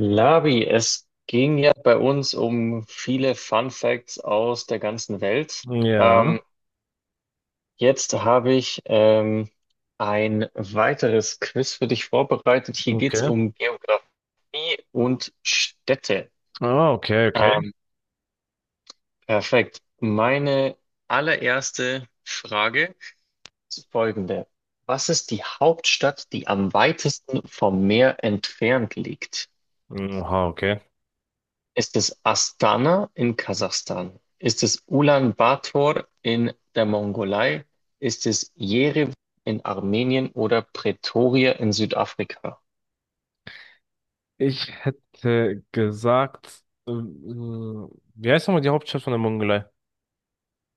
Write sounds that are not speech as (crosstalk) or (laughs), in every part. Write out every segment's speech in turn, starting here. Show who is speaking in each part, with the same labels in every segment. Speaker 1: Labi, es ging ja bei uns um viele Fun Facts aus der ganzen Welt.
Speaker 2: Ja,
Speaker 1: Ähm, jetzt habe ich ein weiteres Quiz für dich vorbereitet. Hier geht es
Speaker 2: okay.
Speaker 1: um Geografie und Städte.
Speaker 2: Ah, okay, okay.
Speaker 1: Ähm, perfekt. Meine allererste Frage ist folgende. Was ist die Hauptstadt, die am weitesten vom Meer entfernt liegt?
Speaker 2: Oha, okay.
Speaker 1: Ist es Astana in Kasachstan? Ist es Ulaanbaatar in der Mongolei? Ist es Jerewan in Armenien oder Pretoria in Südafrika?
Speaker 2: Ich hätte gesagt, wie heißt nochmal die Hauptstadt von der Mongolei?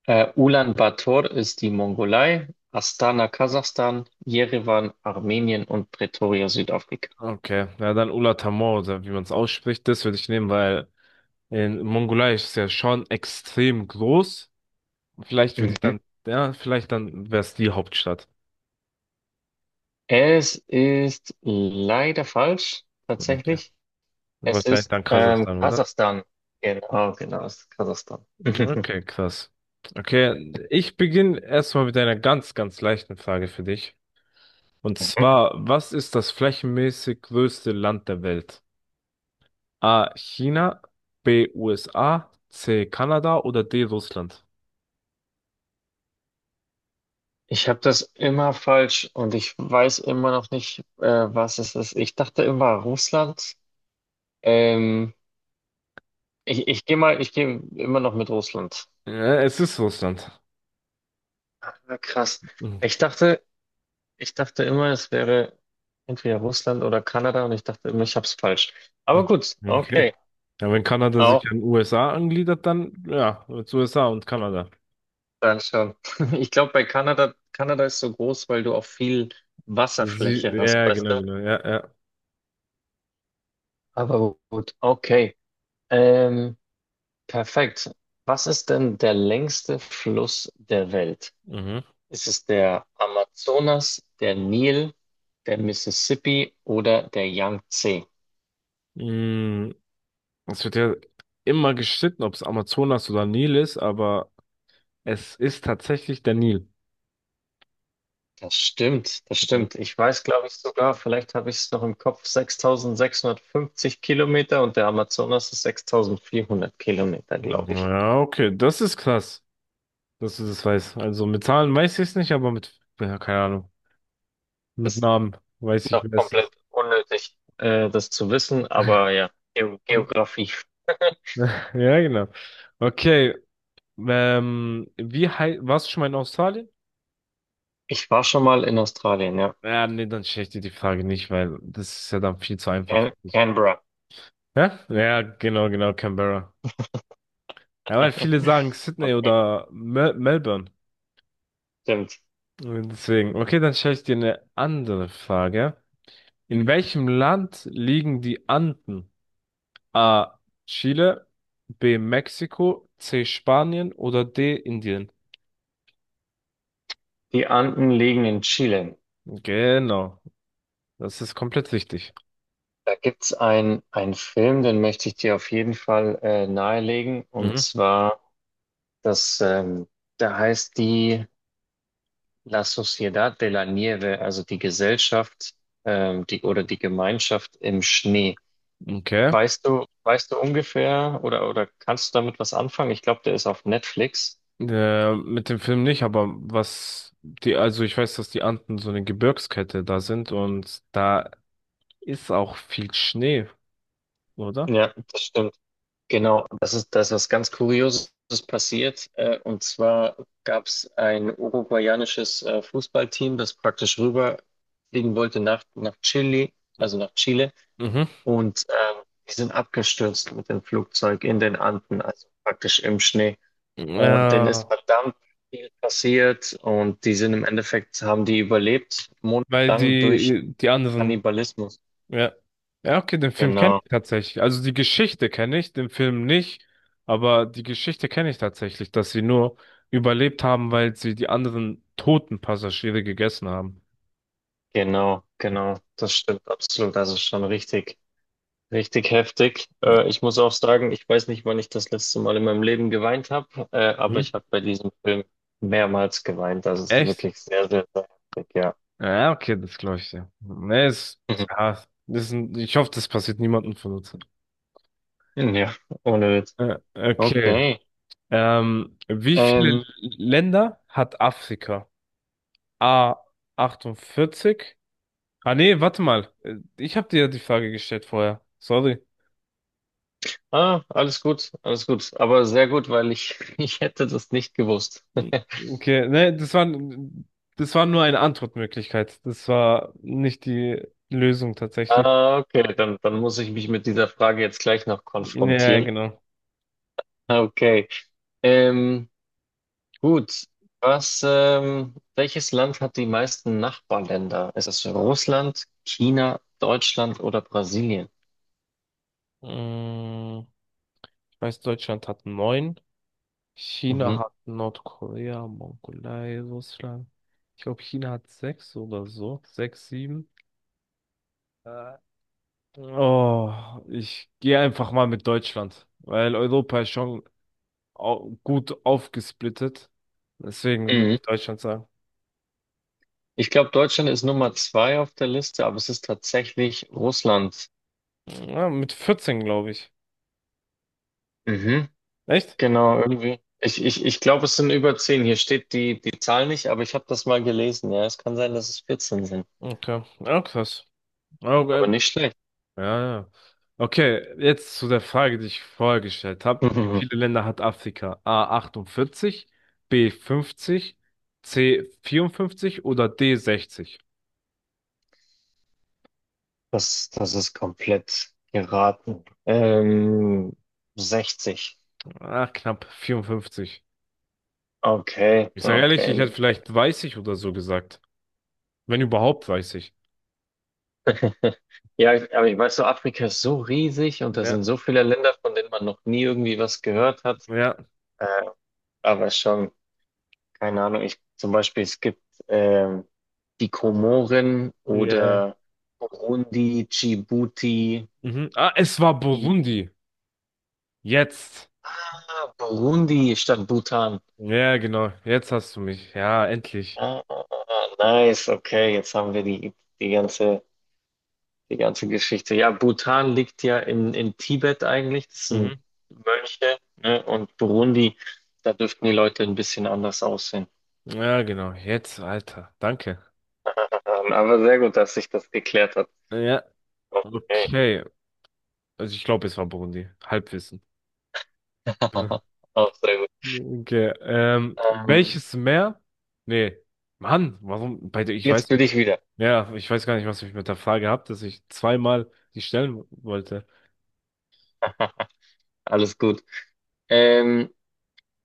Speaker 1: Ulaanbaatar ist die Mongolei, Astana Kasachstan, Jerewan Armenien und Pretoria Südafrika.
Speaker 2: Okay, ja, dann Ulaanbaatar oder wie man es ausspricht, das würde ich nehmen, weil in Mongolei ist es ja schon extrem groß. Vielleicht würde ich
Speaker 1: Mhm.
Speaker 2: dann, ja, vielleicht dann wäre es die Hauptstadt.
Speaker 1: Es ist leider falsch,
Speaker 2: Okay.
Speaker 1: tatsächlich. Es
Speaker 2: Wahrscheinlich
Speaker 1: ist
Speaker 2: dann Kasachstan, oder?
Speaker 1: Kasachstan. Genau, genau, es ist Kasachstan. (laughs)
Speaker 2: Okay, krass. Okay, ich beginne erstmal mit einer ganz, ganz leichten Frage für dich. Und zwar, was ist das flächenmäßig größte Land der Welt? A. China, B. USA, C. Kanada oder D. Russland?
Speaker 1: Ich habe das immer falsch und ich weiß immer noch nicht, was es ist. Ich dachte immer Russland. Ähm, ich gehe mal, ich gehe immer noch mit Russland.
Speaker 2: Ja, es ist Russland.
Speaker 1: Ah, krass.
Speaker 2: Mhm.
Speaker 1: Ich dachte, ich dachte immer, es wäre entweder Russland oder Kanada und ich dachte immer, ich hab's falsch. Aber gut,
Speaker 2: Okay.
Speaker 1: okay.
Speaker 2: Ja, wenn Kanada
Speaker 1: Auch
Speaker 2: sich an USA angliedert, dann ja, jetzt USA und Kanada.
Speaker 1: dann schon. (laughs) Ich glaube, bei Kanada, Kanada ist so groß, weil du auch viel
Speaker 2: Sie,
Speaker 1: Wasserfläche hast,
Speaker 2: ja,
Speaker 1: weißt
Speaker 2: genau,
Speaker 1: du?
Speaker 2: genau, ja, ja.
Speaker 1: Aber gut, okay. Ähm, Perfekt. Was ist denn der längste Fluss der Welt?
Speaker 2: Mhm.
Speaker 1: Ist es der Amazonas, der Nil, der Mississippi oder der Yangtze?
Speaker 2: Mm, Es wird ja immer gestritten, ob es Amazonas oder Nil ist, aber es ist tatsächlich der Nil.
Speaker 1: Das stimmt, das
Speaker 2: Mhm.
Speaker 1: stimmt. Ich weiß, glaube ich, sogar, vielleicht habe ich es noch im Kopf, 6.650 Kilometer und der Amazonas ist 6.400 Kilometer, glaube ich.
Speaker 2: Ja, okay, das ist krass, dass du das weißt. Also mit Zahlen weiß ich es nicht, aber mit, ja, keine Ahnung, mit
Speaker 1: Ist
Speaker 2: Namen weiß ich,
Speaker 1: noch
Speaker 2: wer es
Speaker 1: komplett
Speaker 2: ist.
Speaker 1: unnötig, das zu wissen, aber ja,
Speaker 2: Ne?
Speaker 1: Geografie. (laughs)
Speaker 2: (laughs) Ja, genau. Okay, warst du schon mal in Australien?
Speaker 1: Ich war schon mal in Australien, ja.
Speaker 2: Ja, nee, dann stelle ich dir die Frage nicht, weil das ist ja dann viel zu einfach.
Speaker 1: Canberra.
Speaker 2: Hä? Ja, genau, genau, Canberra. Ja, weil viele sagen
Speaker 1: (laughs)
Speaker 2: Sydney
Speaker 1: Okay,
Speaker 2: oder Melbourne.
Speaker 1: stimmt.
Speaker 2: Deswegen, okay, dann stelle ich dir eine andere Frage. In welchem Land liegen die Anden? A. Chile, B. Mexiko, C. Spanien oder D. Indien.
Speaker 1: Die Anden liegen in Chile.
Speaker 2: Genau, das ist komplett richtig.
Speaker 1: Da gibt's einen Film, den möchte ich dir auf jeden Fall nahelegen. Und
Speaker 2: Mhm.
Speaker 1: zwar, das, da heißt die La Sociedad de la Nieve, also die Gesellschaft die, oder die Gemeinschaft im Schnee.
Speaker 2: Okay.
Speaker 1: Weißt du ungefähr oder kannst du damit was anfangen? Ich glaube, der ist auf Netflix.
Speaker 2: Mit dem Film nicht, aber also ich weiß, dass die Anden so eine Gebirgskette da sind und da ist auch viel Schnee, oder?
Speaker 1: Ja, das stimmt. Genau, das ist, da ist was ganz Kurioses passiert. Und zwar gab es ein uruguayanisches Fußballteam, das praktisch rüberfliegen wollte nach Chile, also nach Chile.
Speaker 2: Mhm.
Speaker 1: Und die sind abgestürzt mit dem Flugzeug in den Anden, also praktisch im Schnee. Und denen ist
Speaker 2: Ja,
Speaker 1: verdammt viel passiert. Und die sind im Endeffekt, haben die überlebt,
Speaker 2: weil
Speaker 1: monatelang durch
Speaker 2: die anderen.
Speaker 1: Kannibalismus.
Speaker 2: Ja. Ja, okay, den Film kenne
Speaker 1: Genau,
Speaker 2: ich tatsächlich. Also die Geschichte kenne ich, den Film nicht, aber die Geschichte kenne ich tatsächlich, dass sie nur überlebt haben, weil sie die anderen toten Passagiere gegessen haben.
Speaker 1: genau, genau. Das stimmt absolut. Das ist schon richtig. Richtig heftig. Ich muss auch sagen, ich weiß nicht, wann ich das letzte Mal in meinem Leben geweint habe, aber ich
Speaker 2: Mhm.
Speaker 1: habe bei diesem Film mehrmals geweint. Das ist
Speaker 2: Echt?
Speaker 1: wirklich sehr, sehr, sehr heftig, ja.
Speaker 2: Ja, okay, das glaube ich dir. Nee,
Speaker 1: (laughs)
Speaker 2: ja, ich hoffe, das passiert niemandem von uns.
Speaker 1: Ja, ohne Witz.
Speaker 2: Okay.
Speaker 1: Okay.
Speaker 2: Wie viele
Speaker 1: Ähm,
Speaker 2: Länder hat Afrika? A 48. Ah nee, warte mal. Ich habe dir ja die Frage gestellt vorher. Sorry.
Speaker 1: ah, alles gut, alles gut. Aber sehr gut, weil ich, (laughs) ich hätte das nicht gewusst.
Speaker 2: Hm.
Speaker 1: (laughs)
Speaker 2: Okay, nee, das war nur eine Antwortmöglichkeit. Das war nicht die Lösung tatsächlich.
Speaker 1: Ah, okay, dann, dann muss ich mich mit dieser Frage jetzt gleich noch
Speaker 2: Ja, ja,
Speaker 1: konfrontieren.
Speaker 2: genau.
Speaker 1: Okay. Ähm, Gut, was, welches Land hat die meisten Nachbarländer? Ist es Russland, China, Deutschland oder Brasilien?
Speaker 2: Mm, Ich weiß, Deutschland hat neun. China
Speaker 1: Mhm.
Speaker 2: hat Nordkorea, Mongolei, Russland. Ich glaube, China hat sechs oder so. Sechs, sieben. Äh, Oh, ich gehe einfach mal mit Deutschland, weil Europa ist schon gut aufgesplittet. Deswegen würde
Speaker 1: Mhm.
Speaker 2: ich Deutschland sagen.
Speaker 1: Ich glaube, Deutschland ist Nummer zwei auf der Liste, aber es ist tatsächlich Russland.
Speaker 2: Ja, mit 14, glaube ich.
Speaker 1: Mhm.
Speaker 2: Echt?
Speaker 1: Genau, irgendwie. Ich glaube, es sind über 10. Hier steht die, die Zahl nicht, aber ich habe das mal gelesen. Ja, es kann sein, dass es 14 sind.
Speaker 2: Okay. Ja, krass. Okay.
Speaker 1: Aber nicht schlecht.
Speaker 2: Ja, ja. Okay, jetzt zu der Frage, die ich vorher gestellt habe. Wie viele
Speaker 1: (laughs)
Speaker 2: Länder hat Afrika? A 48, B 50, C 54 oder D 60?
Speaker 1: Das, das ist komplett geraten. 60.
Speaker 2: Ah, knapp 54.
Speaker 1: Okay,
Speaker 2: Ich sage ehrlich,
Speaker 1: okay,
Speaker 2: ich hätte
Speaker 1: nicht.
Speaker 2: vielleicht 30 oder so gesagt. Wenn überhaupt 30.
Speaker 1: (laughs) Ja, ich- aber ich weiß so, Afrika ist so riesig und da
Speaker 2: Ja,
Speaker 1: sind so viele Länder, von denen man noch nie irgendwie was gehört hat.
Speaker 2: ja.
Speaker 1: Äh, aber schon, keine Ahnung. Ich, zum Beispiel, es gibt ähm, die Komoren
Speaker 2: Yeah.
Speaker 1: oder Burundi, Djibouti.
Speaker 2: Mhm. Ah, es war
Speaker 1: Die-
Speaker 2: Burundi. Jetzt.
Speaker 1: Ah, Burundi statt Bhutan.
Speaker 2: Ja, genau. Jetzt hast du mich. Ja, endlich.
Speaker 1: Ah, ah, ah, ah, nice, okay, jetzt haben wir die, die ganze die ganze Geschichte. Ja, Bhutan liegt ja in Tibet eigentlich. Das sind
Speaker 2: Mhm.
Speaker 1: Mönche, ne? Und Burundi, da dürften die Leute ein bisschen anders aussehen.
Speaker 2: Ja, genau. Jetzt, Alter. Danke.
Speaker 1: Aber sehr gut, dass sich das geklärt hat.
Speaker 2: Ja.
Speaker 1: Okay.
Speaker 2: Okay. Also ich glaube, es war Burundi. Halbwissen. (laughs)
Speaker 1: (laughs) Auch sehr gut.
Speaker 2: Ja. Okay.
Speaker 1: Ähm,
Speaker 2: Welches Meer? Nee. Mann, warum? Bei der, ich
Speaker 1: jetzt
Speaker 2: weiß
Speaker 1: bin
Speaker 2: nicht.
Speaker 1: ich wieder.
Speaker 2: Ja, ich weiß gar nicht, was ich mit der Frage hab, dass ich zweimal die stellen wollte.
Speaker 1: Alles gut. Ähm,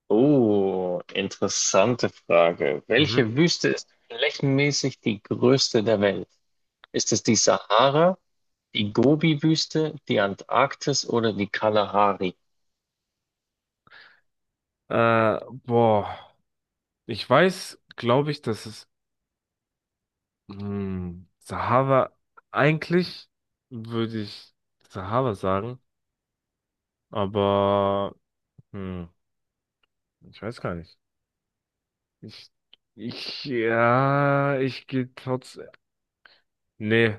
Speaker 1: oh, interessante Frage.
Speaker 2: Mhm.
Speaker 1: Welche Wüste ist flächenmäßig die größte der Welt? Ist es die Sahara, die Gobi-Wüste, die Antarktis oder die Kalahari?
Speaker 2: Äh, Boah. Ich weiß, glaube ich, dass es Sahara, eigentlich würde ich Sahara sagen, aber hm, ich weiß gar nicht. Ich, ich, ja, ich gehe trotz, nee,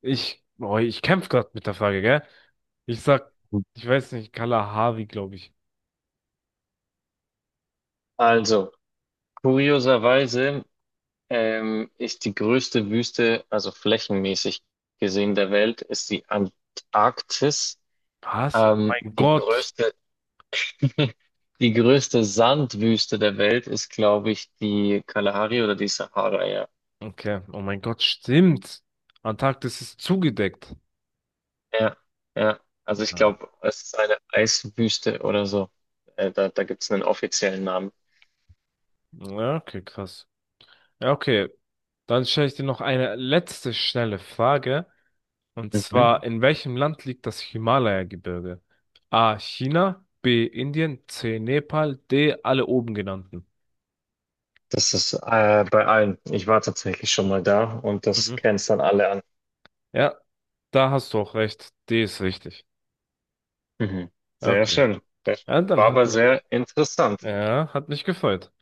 Speaker 2: ich, oh, ich kämpf grad mit der Frage, gell? Ich sag, ich weiß nicht, Kalahari, glaube ich.
Speaker 1: Also, kurioserweise ist die größte Wüste, also flächenmäßig gesehen der Welt, ist die Antarktis.
Speaker 2: Was? Oh mein
Speaker 1: Die
Speaker 2: Gott.
Speaker 1: größte, (laughs) die größte Sandwüste der Welt ist, glaube ich, die Kalahari oder die Sahara, ja.
Speaker 2: Okay, oh mein Gott, stimmt. Antarktis ist zugedeckt.
Speaker 1: Ja, ja. Also ich
Speaker 2: Ja,
Speaker 1: glaube, es ist eine Eiswüste oder so. Da gibt es einen offiziellen Namen.
Speaker 2: ja, okay, krass. Ja, okay, dann stelle ich dir noch eine letzte schnelle Frage. Und
Speaker 1: Mhm.
Speaker 2: zwar, in welchem Land liegt das Himalaya-Gebirge? A. China, B. Indien, C. Nepal, D. Alle oben genannten.
Speaker 1: Das ist bei allen. Ich war tatsächlich schon mal da und das
Speaker 2: Mhm.
Speaker 1: grenzt dann alle an.
Speaker 2: Ja, da hast du auch recht. D ist richtig.
Speaker 1: Mhm. Sehr
Speaker 2: Okay.
Speaker 1: schön. Sehr schön.
Speaker 2: Ja, dann
Speaker 1: War
Speaker 2: hat
Speaker 1: aber
Speaker 2: mich,
Speaker 1: sehr interessant.
Speaker 2: ja, hat mich gefreut.